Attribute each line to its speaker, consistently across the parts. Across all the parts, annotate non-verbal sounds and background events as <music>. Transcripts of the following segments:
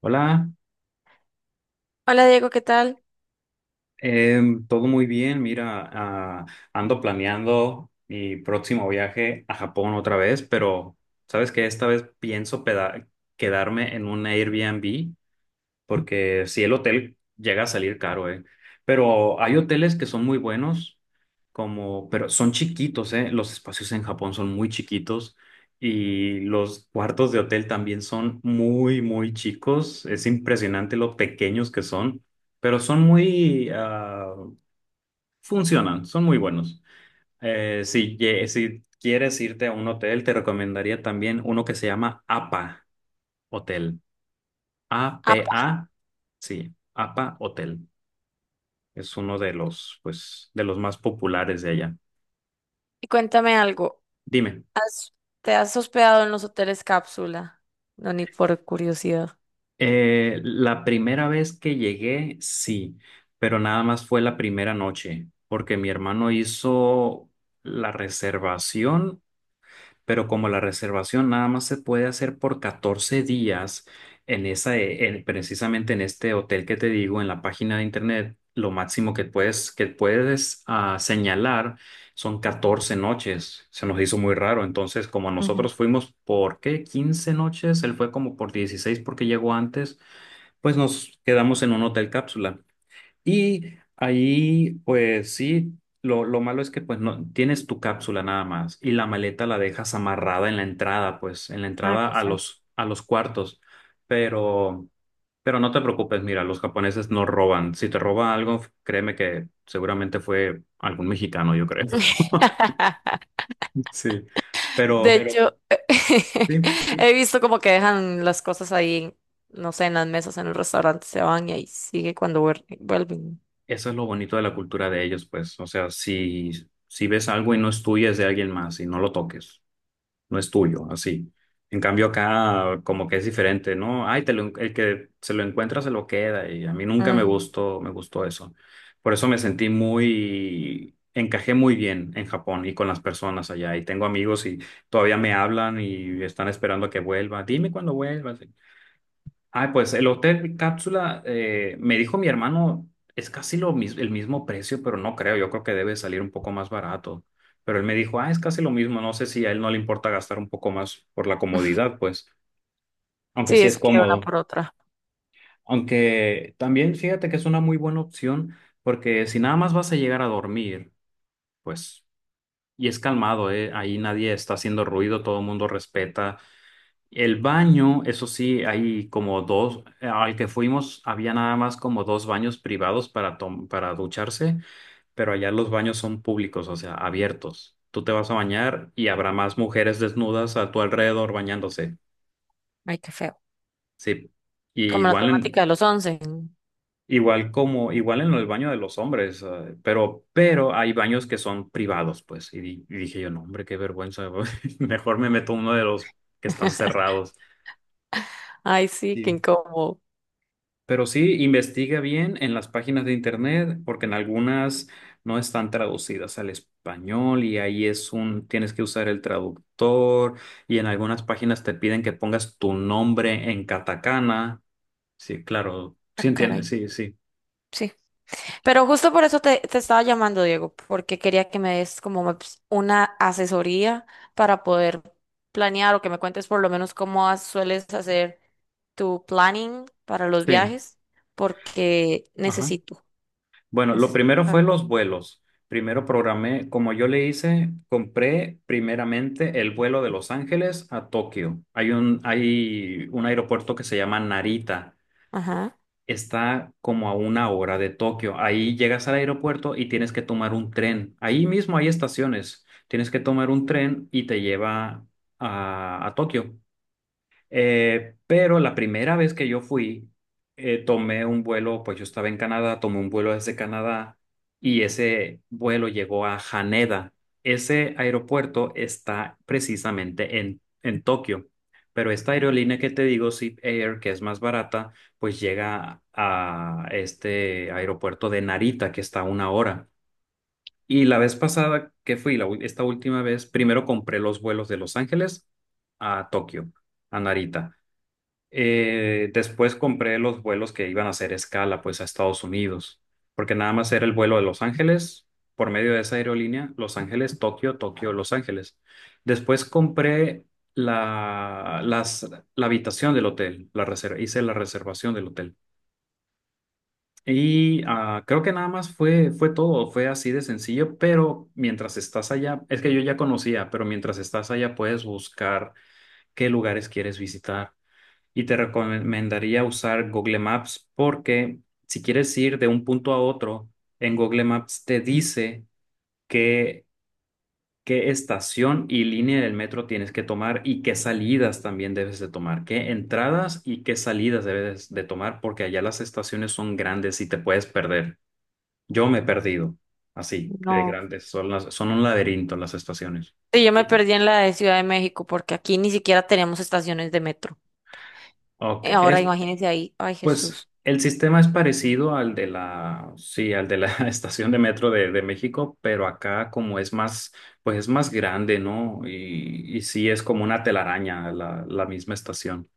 Speaker 1: Hola,
Speaker 2: Hola, Diego, ¿qué tal?
Speaker 1: todo muy bien. Mira, ando planeando mi próximo viaje a Japón otra vez, pero sabes que esta vez pienso quedarme en un Airbnb porque si el hotel llega a salir caro, ¿eh? Pero hay hoteles que son muy buenos, como, pero son chiquitos, ¿eh? Los espacios en Japón son muy chiquitos y los cuartos de hotel también son muy, muy chicos. Es impresionante lo pequeños que son, pero son funcionan, son muy buenos. Si quieres irte a un hotel, te recomendaría también uno que se llama APA Hotel. A P
Speaker 2: Apa,
Speaker 1: A Sí, APA Hotel. Es uno de los, pues, de los más populares de allá.
Speaker 2: y cuéntame algo.
Speaker 1: Dime,
Speaker 2: ¿Has- te has hospedado en los hoteles cápsula? No, ni por curiosidad.
Speaker 1: la primera vez que llegué, sí, pero nada más fue la primera noche, porque mi hermano hizo la reservación, pero como la reservación nada más se puede hacer por 14 días en esa, precisamente en este hotel que te digo, en la página de internet, lo máximo que que puedes señalar son 14 noches. Se nos hizo muy raro. Entonces, como
Speaker 2: Ujú.
Speaker 1: nosotros fuimos por qué 15 noches, él fue como por 16 porque llegó antes, pues nos quedamos en un hotel cápsula. Y ahí, pues sí, lo malo es que pues no tienes tu cápsula nada más y la maleta la dejas amarrada en la entrada, pues en la
Speaker 2: Ah,
Speaker 1: entrada
Speaker 2: qué
Speaker 1: a
Speaker 2: feo.
Speaker 1: los cuartos. Pero pero no te preocupes, mira, los japoneses no roban. Si te roba algo, créeme que seguramente fue algún mexicano, yo creo. <laughs>
Speaker 2: <laughs>
Speaker 1: Sí.
Speaker 2: De
Speaker 1: Pero
Speaker 2: Pero hecho,
Speaker 1: sí.
Speaker 2: <laughs> he visto como que dejan las cosas ahí, en, no sé, en las mesas, en el restaurante, se van y ahí sigue cuando vuelven.
Speaker 1: Eso es lo bonito de la cultura de ellos, pues, o sea, si si ves algo y no es tuyo, es de alguien más y no lo toques. No es tuyo, así. En cambio acá como que es diferente, ¿no? Ay, te lo el que se lo encuentra se lo queda y a mí nunca me
Speaker 2: Ujú.
Speaker 1: gustó eso. Por eso me sentí encajé muy bien en Japón y con las personas allá y tengo amigos y todavía me hablan y están esperando a que vuelva. Dime cuándo vuelvas. Ah, pues el hotel cápsula, me dijo mi hermano, es casi el mismo precio, pero no creo, yo creo que debe salir un poco más barato. Pero él me dijo, es casi lo mismo, no sé si a él no le importa gastar un poco más por la
Speaker 2: <laughs>
Speaker 1: comodidad, pues, aunque
Speaker 2: Sí,
Speaker 1: sí es
Speaker 2: es que una
Speaker 1: cómodo.
Speaker 2: por otra.
Speaker 1: Aunque también fíjate que es una muy buena opción, porque si nada más vas a llegar a dormir, pues, y es calmado, ahí nadie está haciendo ruido, todo el mundo respeta. El baño, eso sí, hay como dos, al que fuimos había nada más como dos baños privados para ducharse, pero allá los baños son públicos, o sea, abiertos. Tú te vas a bañar y habrá más mujeres desnudas a tu alrededor bañándose.
Speaker 2: Ay, qué feo.
Speaker 1: Sí, y
Speaker 2: Como la temática de los 11.
Speaker 1: igual en el baño de los hombres, pero hay baños que son privados, pues. Y dije yo, no, hombre, qué vergüenza, <laughs> mejor me meto a uno de los que están
Speaker 2: <laughs>
Speaker 1: cerrados.
Speaker 2: Ay, sí, qué incómodo.
Speaker 1: Pero sí, investiga bien en las páginas de internet, porque en algunas no están traducidas al español y ahí es un, tienes que usar el traductor y en algunas páginas te piden que pongas tu nombre en katakana. Sí, claro, sí
Speaker 2: Ah,
Speaker 1: entiendes,
Speaker 2: caray.
Speaker 1: sí, sí,
Speaker 2: ¡Sí! Pero justo por eso te estaba llamando, Diego, porque quería que me des como una asesoría para poder planear, o que me cuentes por lo menos cómo sueles hacer tu planning para los
Speaker 1: sí.
Speaker 2: viajes, porque
Speaker 1: Ajá.
Speaker 2: necesito,
Speaker 1: Bueno, lo
Speaker 2: necesito.
Speaker 1: primero fue los vuelos. Primero programé, como yo le hice, compré primeramente el vuelo de Los Ángeles a Tokio. Hay un aeropuerto que se llama Narita.
Speaker 2: Ajá.
Speaker 1: Está como a una hora de Tokio. Ahí llegas al aeropuerto y tienes que tomar un tren. Ahí mismo hay estaciones. Tienes que tomar un tren y te lleva a Tokio. Pero la primera vez que yo fui, tomé un vuelo, pues yo estaba en Canadá, tomé un vuelo desde Canadá y ese vuelo llegó a Haneda. Ese aeropuerto está precisamente en Tokio, pero esta aerolínea que te digo, Zip Air, que es más barata, pues llega a este aeropuerto de Narita, que está a una hora. Y la vez pasada que fui, esta última vez, primero compré los vuelos de Los Ángeles a Tokio, a Narita. Después compré los vuelos que iban a hacer escala, pues, a Estados Unidos, porque nada más era el vuelo de Los Ángeles, por medio de esa aerolínea, Los Ángeles, Tokio, Tokio, Los Ángeles. Después compré la, las, la habitación del hotel, la reserva, hice la reservación del hotel. Creo que nada más fue todo, fue así de sencillo, pero mientras estás allá, es que yo ya conocía, pero mientras estás allá puedes buscar qué lugares quieres visitar. Y te recomendaría usar Google Maps porque si quieres ir de un punto a otro, en Google Maps te dice qué, qué estación y línea del metro tienes que tomar y qué salidas también debes de tomar, qué entradas y qué salidas debes de tomar porque allá las estaciones son grandes y te puedes perder. Yo me he perdido así, de
Speaker 2: No.
Speaker 1: grandes, son un laberinto las estaciones.
Speaker 2: Sí, yo me
Speaker 1: Y ti-
Speaker 2: perdí en la de Ciudad de México porque aquí ni siquiera tenemos estaciones de metro.
Speaker 1: Ok,
Speaker 2: Ahora
Speaker 1: es
Speaker 2: imagínense ahí. Ay,
Speaker 1: pues
Speaker 2: Jesús.
Speaker 1: el sistema es parecido al de la <laughs> estación de metro de México, pero acá como es más, pues es más grande, ¿no? Y sí es como una telaraña la, la misma estación.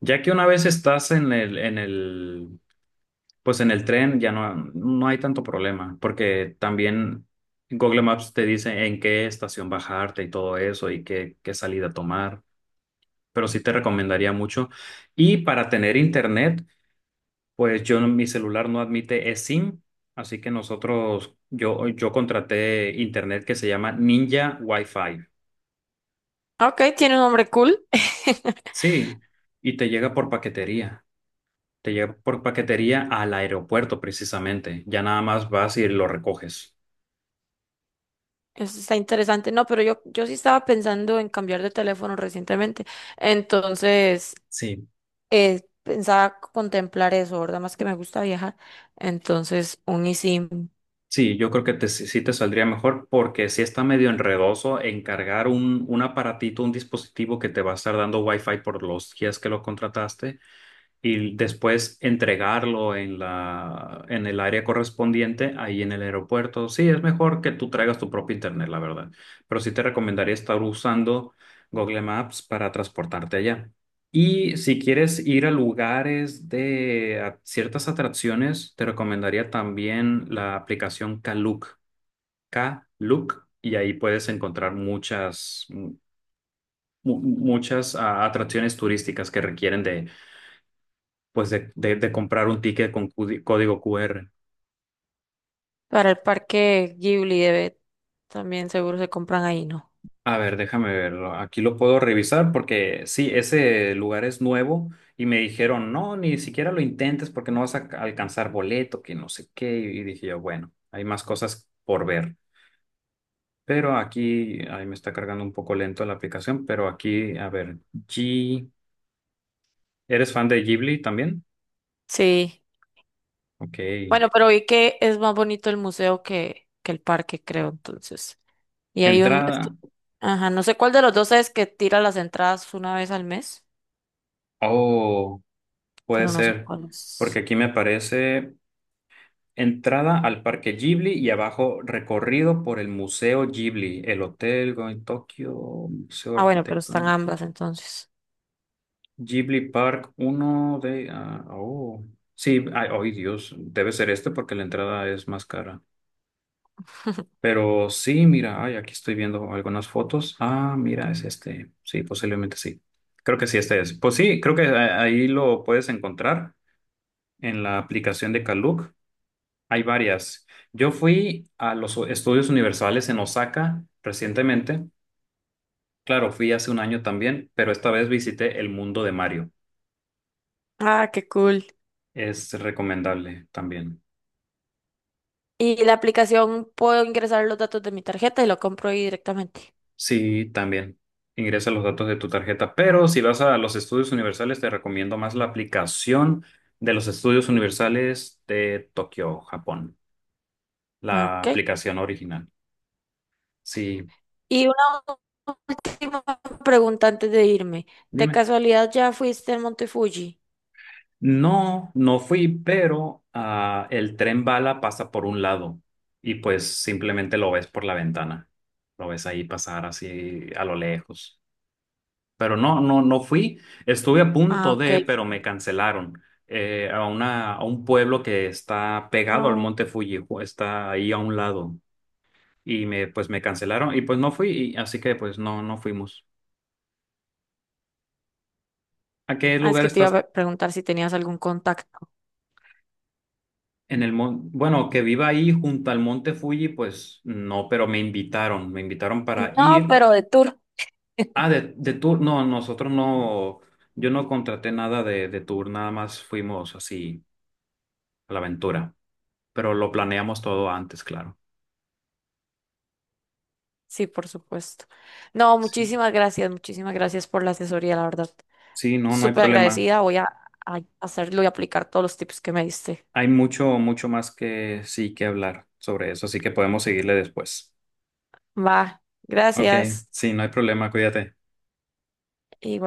Speaker 1: Ya que una vez estás pues en el tren, ya no, no hay tanto problema, porque también Google Maps te dice en qué estación bajarte y todo eso y qué salida tomar, pero sí te recomendaría mucho. Y para tener internet. Pues yo, no, mi celular no admite eSIM, así que nosotros, yo contraté internet que se llama Ninja Wi-Fi.
Speaker 2: Ok, tiene un nombre cool. <laughs>
Speaker 1: Sí, y te llega por paquetería. Te llega por paquetería al aeropuerto precisamente. Ya nada más vas y lo recoges.
Speaker 2: Eso está interesante. No, pero yo sí estaba pensando en cambiar de teléfono recientemente. Entonces,
Speaker 1: Sí.
Speaker 2: pensaba contemplar eso, ¿verdad? Más que me gusta viajar. Entonces, un eSIM
Speaker 1: Sí, yo creo que te, sí te saldría mejor porque sí está medio enredoso encargar un aparatito, un dispositivo que te va a estar dando Wi-Fi por los días que lo contrataste, y después entregarlo en la, en el área correspondiente, ahí en el aeropuerto. Sí, es mejor que tú traigas tu propio internet, la verdad. Pero sí te recomendaría estar usando Google Maps para transportarte allá. Y si quieres ir a lugares de a ciertas atracciones, te recomendaría también la aplicación Klook, Klook, y ahí puedes encontrar muchas atracciones turísticas que requieren de de comprar un ticket con código QR.
Speaker 2: para el parque Ghibli debe, también seguro se compran ahí, ¿no?
Speaker 1: A ver, déjame verlo. Aquí lo puedo revisar porque sí, ese lugar es nuevo y me dijeron, no, ni siquiera lo intentes porque no vas a alcanzar boleto, que no sé qué. Y dije yo, bueno, hay más cosas por ver. Pero aquí, ahí me está cargando un poco lento la aplicación, pero aquí, a ver, G, ¿eres fan de Ghibli también?
Speaker 2: Sí.
Speaker 1: Ok.
Speaker 2: Bueno, pero vi que es más bonito el museo que el parque, creo, entonces. Y hay un, es que
Speaker 1: Entrada.
Speaker 2: ajá, no sé cuál de los dos es que tira las entradas una vez al mes,
Speaker 1: Oh, puede
Speaker 2: pero no sé
Speaker 1: ser.
Speaker 2: cuál es.
Speaker 1: Porque aquí me aparece. Entrada al Parque Ghibli y abajo recorrido por el Museo Ghibli, el Hotel Going Tokyo, Museo
Speaker 2: Ah, bueno, pero están
Speaker 1: Arquitectónico.
Speaker 2: ambas entonces.
Speaker 1: Ghibli Park, uno de... ah, oh, sí, ay, ay, Dios, debe ser este porque la entrada es más cara. Pero sí, mira, ay, aquí estoy viendo algunas fotos. Ah, mira, es este. Sí, posiblemente sí. Creo que sí, este es. Pues sí, creo que ahí lo puedes encontrar en la aplicación de Kaluk. Hay varias. Yo fui a los estudios universales en Osaka recientemente. Claro, fui hace un año también, pero esta vez visité el mundo de Mario.
Speaker 2: Ah, qué cool.
Speaker 1: Es recomendable también.
Speaker 2: Y la aplicación, ¿puedo ingresar los datos de mi tarjeta y lo compro ahí directamente?
Speaker 1: Sí, también. Ingresa los datos de tu tarjeta, pero si vas a los estudios universales, te recomiendo más la aplicación de los estudios universales de Tokio, Japón. La
Speaker 2: Ok.
Speaker 1: aplicación original. Sí,
Speaker 2: Y una última pregunta antes de irme. ¿De
Speaker 1: dime.
Speaker 2: casualidad ya fuiste al Monte Fuji?
Speaker 1: No, no fui, pero ah, el tren bala pasa por un lado y pues simplemente lo ves por la ventana. Lo ves ahí pasar así a lo lejos. Pero no, no, no fui. Estuve a
Speaker 2: Ah,
Speaker 1: punto
Speaker 2: ok.
Speaker 1: de, pero me
Speaker 2: Sí.
Speaker 1: cancelaron a un pueblo que está pegado al
Speaker 2: No.
Speaker 1: Monte Fuji, está ahí a un lado. Y me, pues me cancelaron y pues no fui, así que pues no, no fuimos. ¿A qué
Speaker 2: Ah, es
Speaker 1: lugar
Speaker 2: que te iba a
Speaker 1: estás?
Speaker 2: preguntar si tenías algún contacto.
Speaker 1: Bueno, que viva ahí junto al monte Fuji, pues no, pero me invitaron para
Speaker 2: No,
Speaker 1: ir.
Speaker 2: pero de tour.
Speaker 1: Ah, de tour, no, nosotros no, yo no contraté nada de tour, nada más fuimos así a la aventura, pero lo planeamos todo antes, claro.
Speaker 2: Sí, por supuesto. No,
Speaker 1: Sí,
Speaker 2: muchísimas gracias por la asesoría, la verdad.
Speaker 1: sí, no, no hay
Speaker 2: Súper
Speaker 1: problema.
Speaker 2: agradecida. Voy a hacerlo y aplicar todos los tips que me diste.
Speaker 1: Hay mucho, mucho más que sí que hablar sobre eso, así que podemos seguirle después.
Speaker 2: Va,
Speaker 1: Ok,
Speaker 2: gracias.
Speaker 1: sí, no hay problema, cuídate.
Speaker 2: Igual.